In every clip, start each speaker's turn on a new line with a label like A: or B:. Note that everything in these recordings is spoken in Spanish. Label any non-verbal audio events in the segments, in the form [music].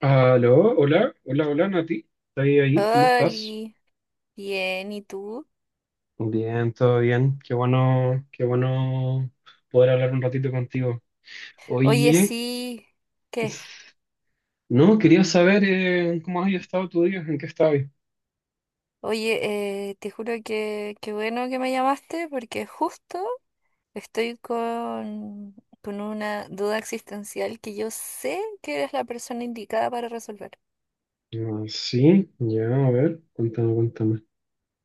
A: Aló, hola, hola, hola Nati, ¿estás ahí? ¿Cómo estás?
B: Oli, bien, ¿y tú?
A: Bien, todo bien, qué bueno poder hablar un ratito contigo.
B: Oye,
A: Oye,
B: sí, ¿qué?
A: no, quería saber cómo has estado tu día, en qué estabas.
B: Oye, te juro que qué bueno que me llamaste porque justo estoy con una duda existencial que yo sé que eres la persona indicada para resolver.
A: Ah, sí, ya, a ver, cuéntame, cuéntame.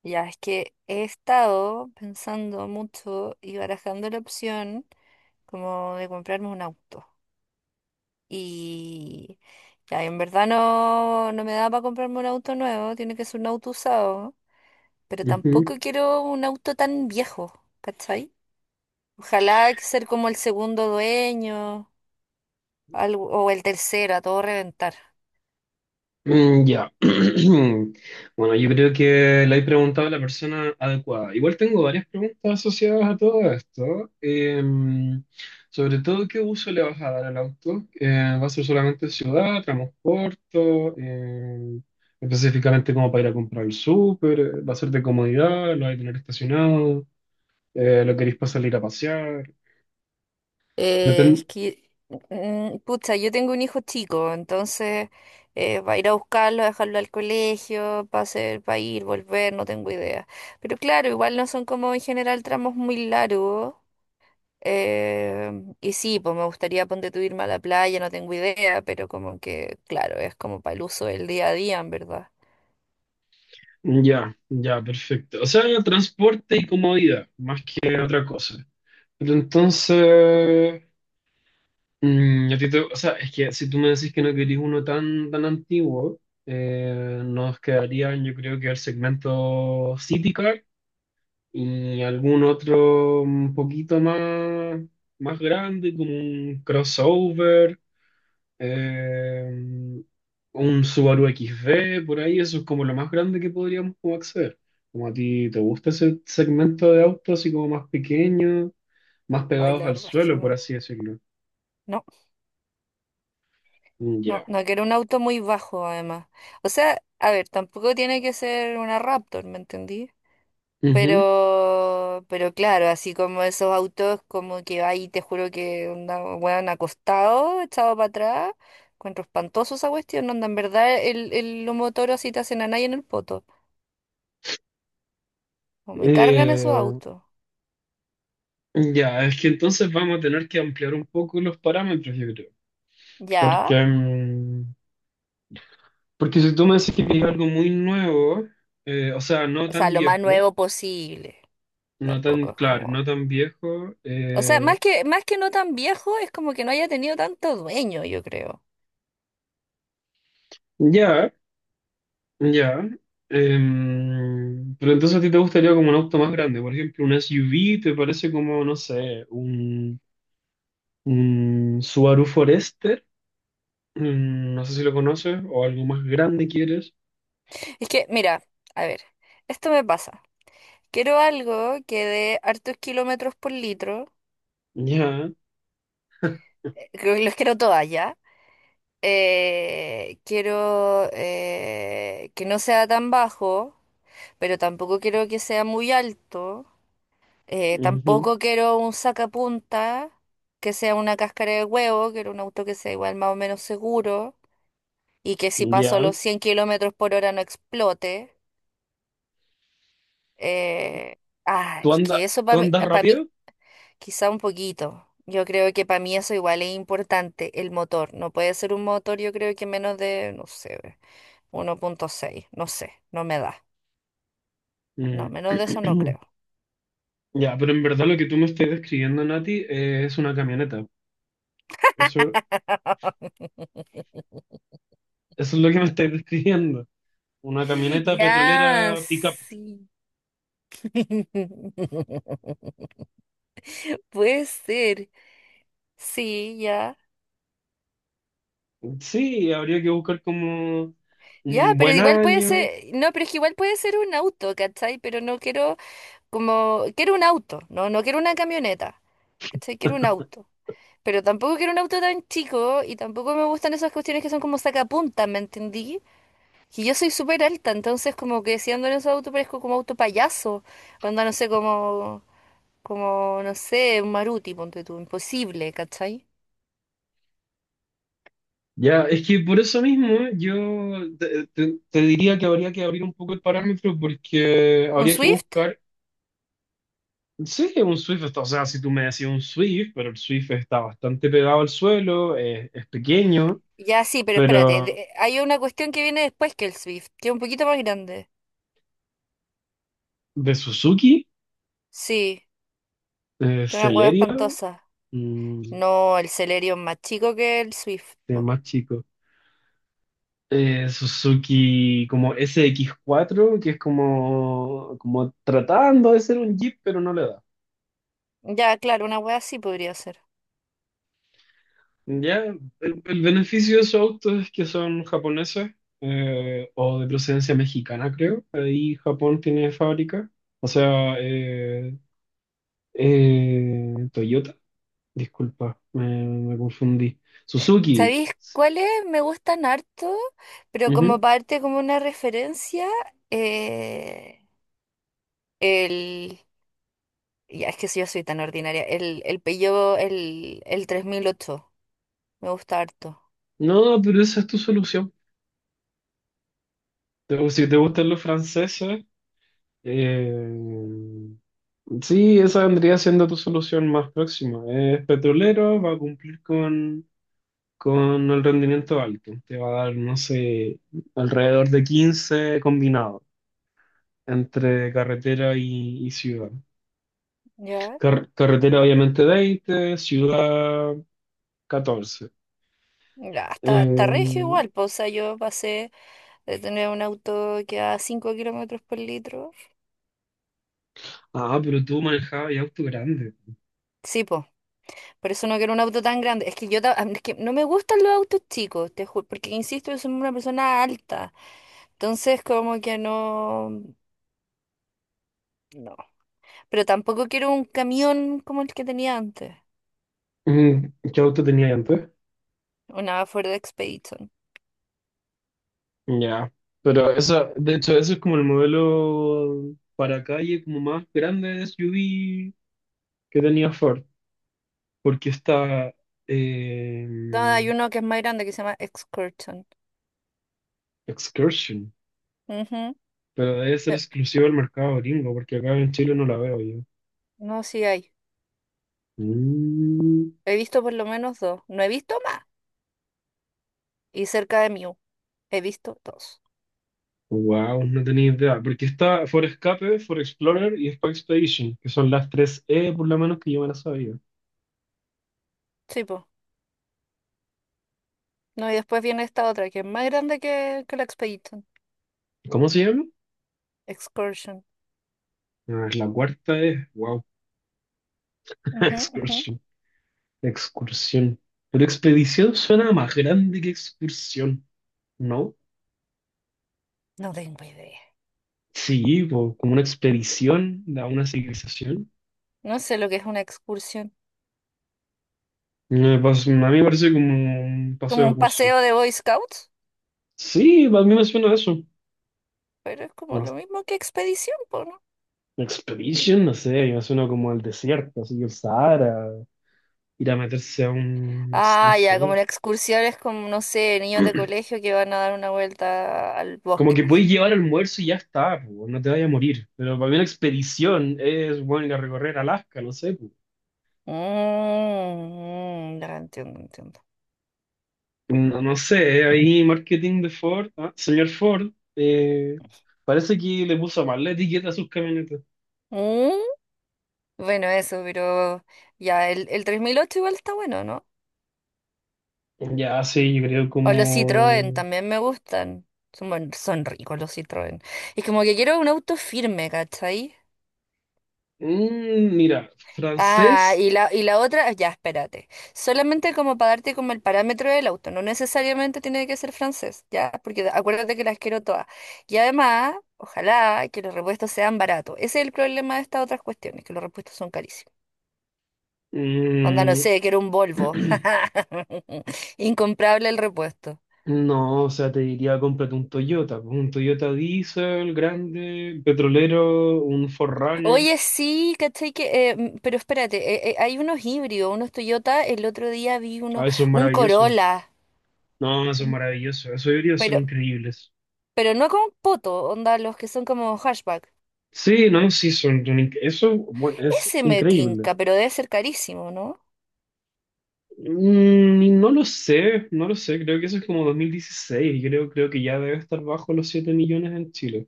B: Ya, es que he estado pensando mucho y barajando la opción como de comprarme un auto. Y ya, en verdad no, no me da para comprarme un auto nuevo, tiene que ser un auto usado. Pero tampoco
A: Ujú.
B: quiero un auto tan viejo, ¿cachai? Ojalá que ser como el segundo dueño o el tercero, a todo reventar.
A: Mm, ya. [clears throat] Bueno, yo creo que le he preguntado a la persona adecuada. Igual tengo varias preguntas asociadas a todo esto. Sobre todo, ¿qué uso le vas a dar al auto? ¿Va a ser solamente ciudad, transporte? eh, Específicamente como para ir a comprar el súper. ¿Va a ser de comodidad? ¿Lo vais a tener estacionado? ¿Lo queréis para salir a pasear?
B: Es
A: Depende.
B: que, pucha, yo tengo un hijo chico, entonces va a ir a buscarlo, a dejarlo al colegio, va a hacer, va a ir, volver, no tengo idea. Pero claro, igual no son como en general tramos muy largos. eh, y sí, pues me gustaría ponte tú irme a la playa, no tengo idea, pero como que, claro, es como para el uso del día a día, en verdad.
A: Ya, ya, perfecto. O sea, transporte y comodidad, más que otra cosa. Pero entonces, a ti o sea, es que si tú me decís que no querís uno tan antiguo, nos quedarían yo creo que el segmento city car y algún otro un poquito más grande, como un crossover, eh, un Subaru XV, por ahí. Eso es como lo más grande que podríamos como acceder. Como a ti te gusta ese segmento de autos así como más pequeño, más
B: Ay,
A: pegados
B: la
A: al
B: verdad es que
A: suelo, por
B: no.
A: así decirlo.
B: No,
A: Mm,
B: no,
A: ya.
B: no quiero un auto muy bajo, además. O sea, a ver, tampoco tiene que ser una Raptor, ¿me entendí?
A: Ujú.
B: Pero claro, así como esos autos, como que ahí te juro que onda, weón, acostado, echado para atrás. Encuentro espantoso esa cuestión, onda, en verdad los motoros así te hacen a nadie en el poto. O me cargan esos
A: Eh,
B: autos.
A: ya, es que entonces vamos a tener que ampliar un poco los parámetros, yo creo.
B: Ya.
A: Porque, mm, porque si tú me decís que es algo muy nuevo, o sea, no
B: O sea,
A: tan
B: lo más
A: viejo,
B: nuevo posible. Tampoco es
A: claro, no
B: como.
A: tan viejo,
B: O sea, más que no tan viejo, es como que no haya tenido tanto dueño, yo creo.
A: ya, ya. Pero entonces a ti te gustaría como un auto más grande, por ejemplo, un SUV. ¿Te parece como, no sé, un Subaru Forester? Mm, no sé si lo conoces o algo más grande quieres.
B: Es que, mira, a ver, esto me pasa. Quiero algo que dé hartos kilómetros por litro.
A: Ya,
B: Creo que los quiero todas ya. Quiero que no sea tan bajo, pero tampoco quiero que sea muy alto.
A: ujú,
B: Tampoco quiero un sacapunta que sea una cáscara de huevo. Quiero un auto que sea igual más o menos seguro, y que si paso
A: ya.
B: los 100 kilómetros por hora no explote. eh,
A: ¿Tú
B: es
A: andas,
B: que eso
A: tú andas
B: para mí,
A: rápido?
B: quizá un poquito. Yo creo que para mí eso igual es importante, el motor. No puede ser un motor, yo creo que menos de, no sé, 1.6, no sé, no me da. No,
A: Mm.
B: menos de eso no
A: [clears throat]
B: creo.
A: Ya, pero en verdad lo que tú me estás describiendo, Nati, es una camioneta. Eso,
B: [laughs]
A: eso es lo que me estás describiendo. Una camioneta
B: Ya,
A: petrolera pickup.
B: sí. [laughs] Puede ser, sí, ya.
A: Sí, habría que buscar como
B: Ya,
A: un
B: pero
A: buen
B: igual puede
A: año.
B: ser, no, pero es que igual puede ser un auto, ¿cachai? Pero no quiero como quiero un auto, no, no quiero una camioneta, ¿cachai? Quiero un auto. Pero tampoco quiero un auto tan chico y tampoco me gustan esas cuestiones que son como sacapuntas, ¿me entendí? Y yo soy súper alta, entonces como que si ando en esos autos parezco como auto payaso, onda no sé, como, como, no sé, un Maruti, ponte tú, imposible, ¿cachai?
A: Ya, es que por eso mismo yo te diría que habría que abrir un poco el parámetro porque
B: ¿Un
A: habría que
B: Swift?
A: buscar. Sí, un Swift, o sea, si tú me decías un Swift, pero el Swift está bastante pegado al suelo, es pequeño,
B: Ya sí, pero espérate,
A: pero
B: hay una cuestión que viene después que el Swift, que es un poquito más grande.
A: de Suzuki,
B: Sí, que es una hueá
A: Celerio,
B: espantosa.
A: mm,
B: No, el Celerio es más chico que el Swift,
A: de
B: po.
A: más chico. Suzuki como SX4, que es como, tratando de ser un Jeep, pero no le da.
B: Ya, claro, una wea así podría ser.
A: Ya, el beneficio de esos autos es que son japoneses, o de procedencia mexicana, creo. Ahí Japón tiene fábrica. O sea, Toyota, disculpa, me confundí. Suzuki.
B: ¿Sabéis cuáles me gustan harto? Pero como
A: Ujú.
B: parte, como una referencia, eh, el... Ya, es que si yo soy tan ordinaria. El Peugeot, el 3008. Me gusta harto.
A: No, pero esa es tu solución. Si te gustan los franceses, eh, sí, esa vendría siendo tu solución más próxima. Es petrolero, va a cumplir con el rendimiento alto. Te va a dar, no sé, alrededor de 15 combinado entre carretera y ciudad.
B: Ya.
A: Carretera obviamente veinte, ciudad catorce.
B: Ya, está, está regio
A: Eh,
B: igual, pues, o sea, yo pasé de tener un auto que a 5 kilómetros por litro.
A: pero tú manejabas y auto grande.
B: Sí, pues, por eso no quiero un auto tan grande. Es que es que no me gustan los autos chicos, te juro, porque insisto, yo soy una persona alta. Entonces, como que no, no. Pero tampoco quiero un camión como el que tenía antes,
A: Mm. ¿Qué auto tenías antes?
B: una Ford Expedition.
A: Ya. Pero eso, de hecho, eso es como el modelo para calle como más grande de SUV que tenía Ford, porque está, eh,
B: No, hay uno que es más grande que se llama Excursion.
A: Excursion,
B: Ujú.
A: pero debe ser
B: Eh,
A: exclusivo del mercado gringo, porque acá en Chile no la veo yo.
B: No, sí hay.
A: Mm.
B: He visto por lo menos dos. No he visto más. Y cerca de Mew he visto dos.
A: Wow, no tenía idea. Porque está For Escape, For Explorer y Expo Expedition, que son las tres E por lo menos que yo me las sabía.
B: Sí, pues. No, y después viene esta otra que es más grande que la Expedition.
A: ¿Cómo se llama?
B: Excursion.
A: Ah, es la cuarta E. Wow. [laughs]
B: Ujú, ujú.
A: Excursión. Excursión. Pero expedición suena más grande que excursión, ¿no?
B: No tengo idea.
A: Sí, po, como una expedición a una civilización.
B: No sé lo que es una excursión.
A: No, a mí me parece como un paseo
B: ¿Como
A: de
B: un
A: curso.
B: paseo de Boy Scouts?
A: Sí, a mí me suena a eso.
B: Pero es como
A: No,
B: lo mismo que expedición, po, ¿no?
A: expedition, no sé, me suena como al desierto, así el Sahara. Ir a meterse a un, no, no
B: Ah, ya, como
A: sé.
B: una excursión es como, no sé, niños de
A: [clears throat]
B: colegio que van a dar una vuelta al
A: Como
B: bosque,
A: que
B: así.
A: podéis llevar almuerzo y ya está, po, no te vayas a morir. Pero para mí una expedición es, bueno, ir a recorrer Alaska, no sé, po.
B: Mm, ya entiendo, entiendo.
A: No, no sé, ahí marketing de Ford, Señor Ford, eh, parece que le puso mal la etiqueta a sus camionetas.
B: Mm, bueno, eso, pero ya, el 3008 igual está bueno, ¿no?
A: Ya, sí, yo creo
B: O los Citroën
A: como...
B: también me gustan. Son, buen- son ricos los Citroën. Es como que quiero un auto firme, ¿cachai?
A: Mm, mira, francés.
B: Ah, y la otra, ya, espérate. Solamente como para darte como el parámetro del auto, no necesariamente tiene que ser francés, ya, porque acuérdate que las quiero todas. Y además, ojalá que los repuestos sean baratos. Ese es el problema de estas otras cuestiones, que los repuestos son carísimos. Onda, no
A: mm,
B: sé, quiero un Volvo.
A: [clears throat]
B: [laughs] Incomprable el repuesto.
A: No, o sea, te diría cómprate un Toyota, pues, un Toyota Diesel grande, petrolero, un 4.
B: Oye, sí, ¿cachai? Que, pero espérate, hay unos híbridos, unos Toyota, el otro día vi uno,
A: Ah, eso es
B: un
A: maravilloso.
B: Corolla.
A: No, eso es
B: un-
A: maravilloso. Esos híbridos son
B: Pero
A: increíbles.
B: No con poto, onda, los que son como hashback.
A: Sí, no, sí, eso, bueno, es
B: Ese me
A: increíble.
B: tinca, pero debe ser carísimo, ¿no?
A: Mm, y no lo sé, no lo sé. Creo que eso es como 2016. Creo que ya debe estar bajo los 7 millones en Chile.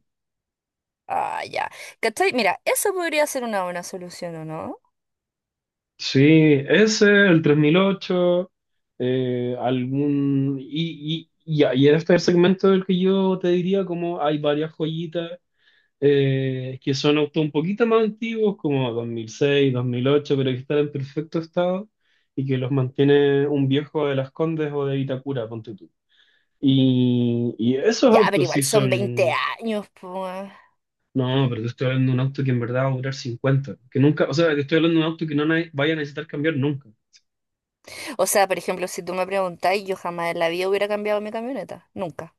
B: Ah, ya. ¿Cachai? Mira, eso podría ser una buena solución, ¿o no?
A: Sí, ese, el 3008, algún... Y este es el segmento del que yo te diría como hay varias joyitas, que son autos un poquito más antiguos, como 2006, 2008, pero que están en perfecto estado y que los mantiene un viejo de Las Condes o de Vitacura, ponte tú. Y esos
B: Ya, pero
A: autos sí
B: igual son 20
A: son...
B: años, pues.
A: No, pero te estoy hablando de un auto que en verdad va a durar 50, que nunca, o sea, te estoy hablando de un auto que no vaya a necesitar cambiar nunca.
B: O sea, por ejemplo, si tú me preguntáis, yo jamás en la vida hubiera cambiado mi camioneta. Nunca.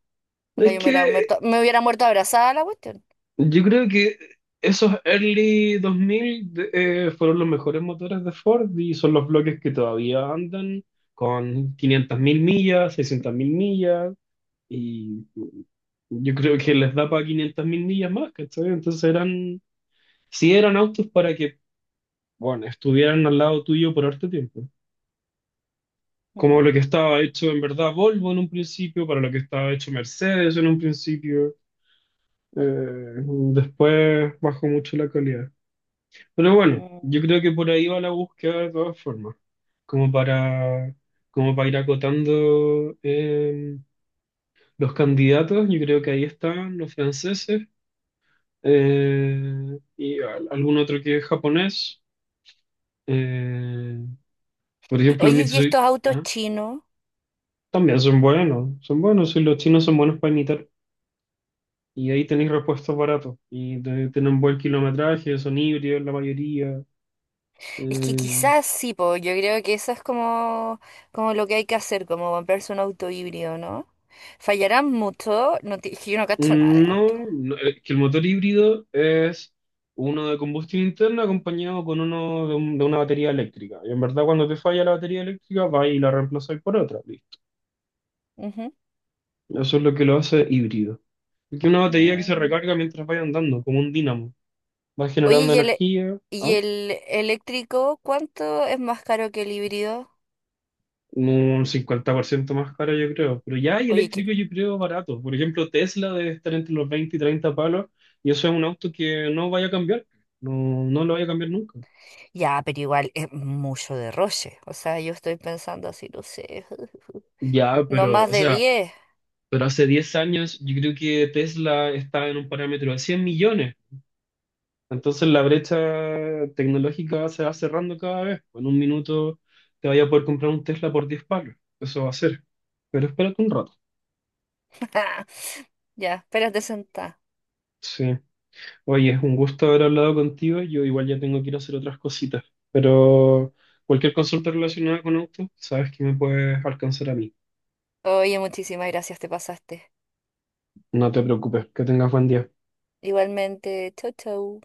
B: Onda,
A: Es
B: yo
A: que
B: me hubiera muerto abrazada a la cuestión.
A: yo creo que esos early 2000 fueron los mejores motores de Ford y son los bloques que todavía andan con 500.000 millas, 600.000 millas y yo creo que les da para 500.000 millas más, ¿cachai? Entonces eran, sí eran autos para que, bueno, estuvieran al lado tuyo por harto tiempo. Como
B: Mm,
A: lo que estaba hecho en verdad Volvo en un principio, para lo que estaba hecho Mercedes en un principio, eh, después bajó mucho la calidad. Pero bueno,
B: mm.
A: yo creo que por ahí va la búsqueda de todas formas, como para, como para ir acotando, los candidatos. Yo creo que ahí están los franceses, y algún otro que es japonés. eh, por ejemplo, el
B: Oye, ¿y estos
A: Mitsui,
B: autos chinos?
A: también son buenos, y los chinos son buenos para imitar. Y ahí tenéis repuestos baratos y tienen buen kilometraje, son híbridos la mayoría.
B: Es que
A: Eh,
B: quizás sí, po, yo creo que eso es como, como lo que hay que hacer, como comprarse un auto híbrido, ¿no? Fallarán mucho, no ti- es que yo no cacho nada de
A: No,
B: auto.
A: no, que el motor híbrido es uno de, combustión interna acompañado con uno de una batería eléctrica. Y en verdad cuando te falla la batería eléctrica, vas y la reemplazas por otra. Listo.
B: Ujú.
A: Eso es lo que lo hace híbrido. Es que una batería que se
B: Mm.
A: recarga mientras vaya andando, como un dínamo. Va
B: Oye,
A: generando
B: ¿y el,
A: energía,
B: y
A: ¿ah?
B: el eléctrico cuánto es más caro que el híbrido?
A: Un 50% más cara, yo creo. Pero ya hay
B: Oye,
A: eléctrico,
B: que
A: yo creo, barato. Por ejemplo, Tesla debe estar entre los 20 y 30 palos, y eso es un auto que no vaya a cambiar. No, no lo vaya a cambiar nunca.
B: ya, pero igual es mucho derroche. O sea, yo estoy pensando así, no sé,
A: Ya,
B: no
A: pero,
B: más
A: o
B: de
A: sea,
B: diez.
A: pero hace 10 años yo creo que Tesla estaba en un parámetro de 100 millones. Entonces la brecha tecnológica se va cerrando cada vez. En un minuto te vaya a poder comprar un Tesla por 10 palos. Eso va a ser. Pero espérate un rato.
B: [laughs] Ya, espérate sentada.
A: Sí. Oye, es un gusto haber hablado contigo. Yo igual ya tengo que ir a hacer otras cositas. Pero cualquier consulta relacionada con auto, sabes que me puedes alcanzar a mí.
B: Oye, muchísimas gracias, te pasaste.
A: No te preocupes. Que tengas buen día.
B: Igualmente, chau, chau.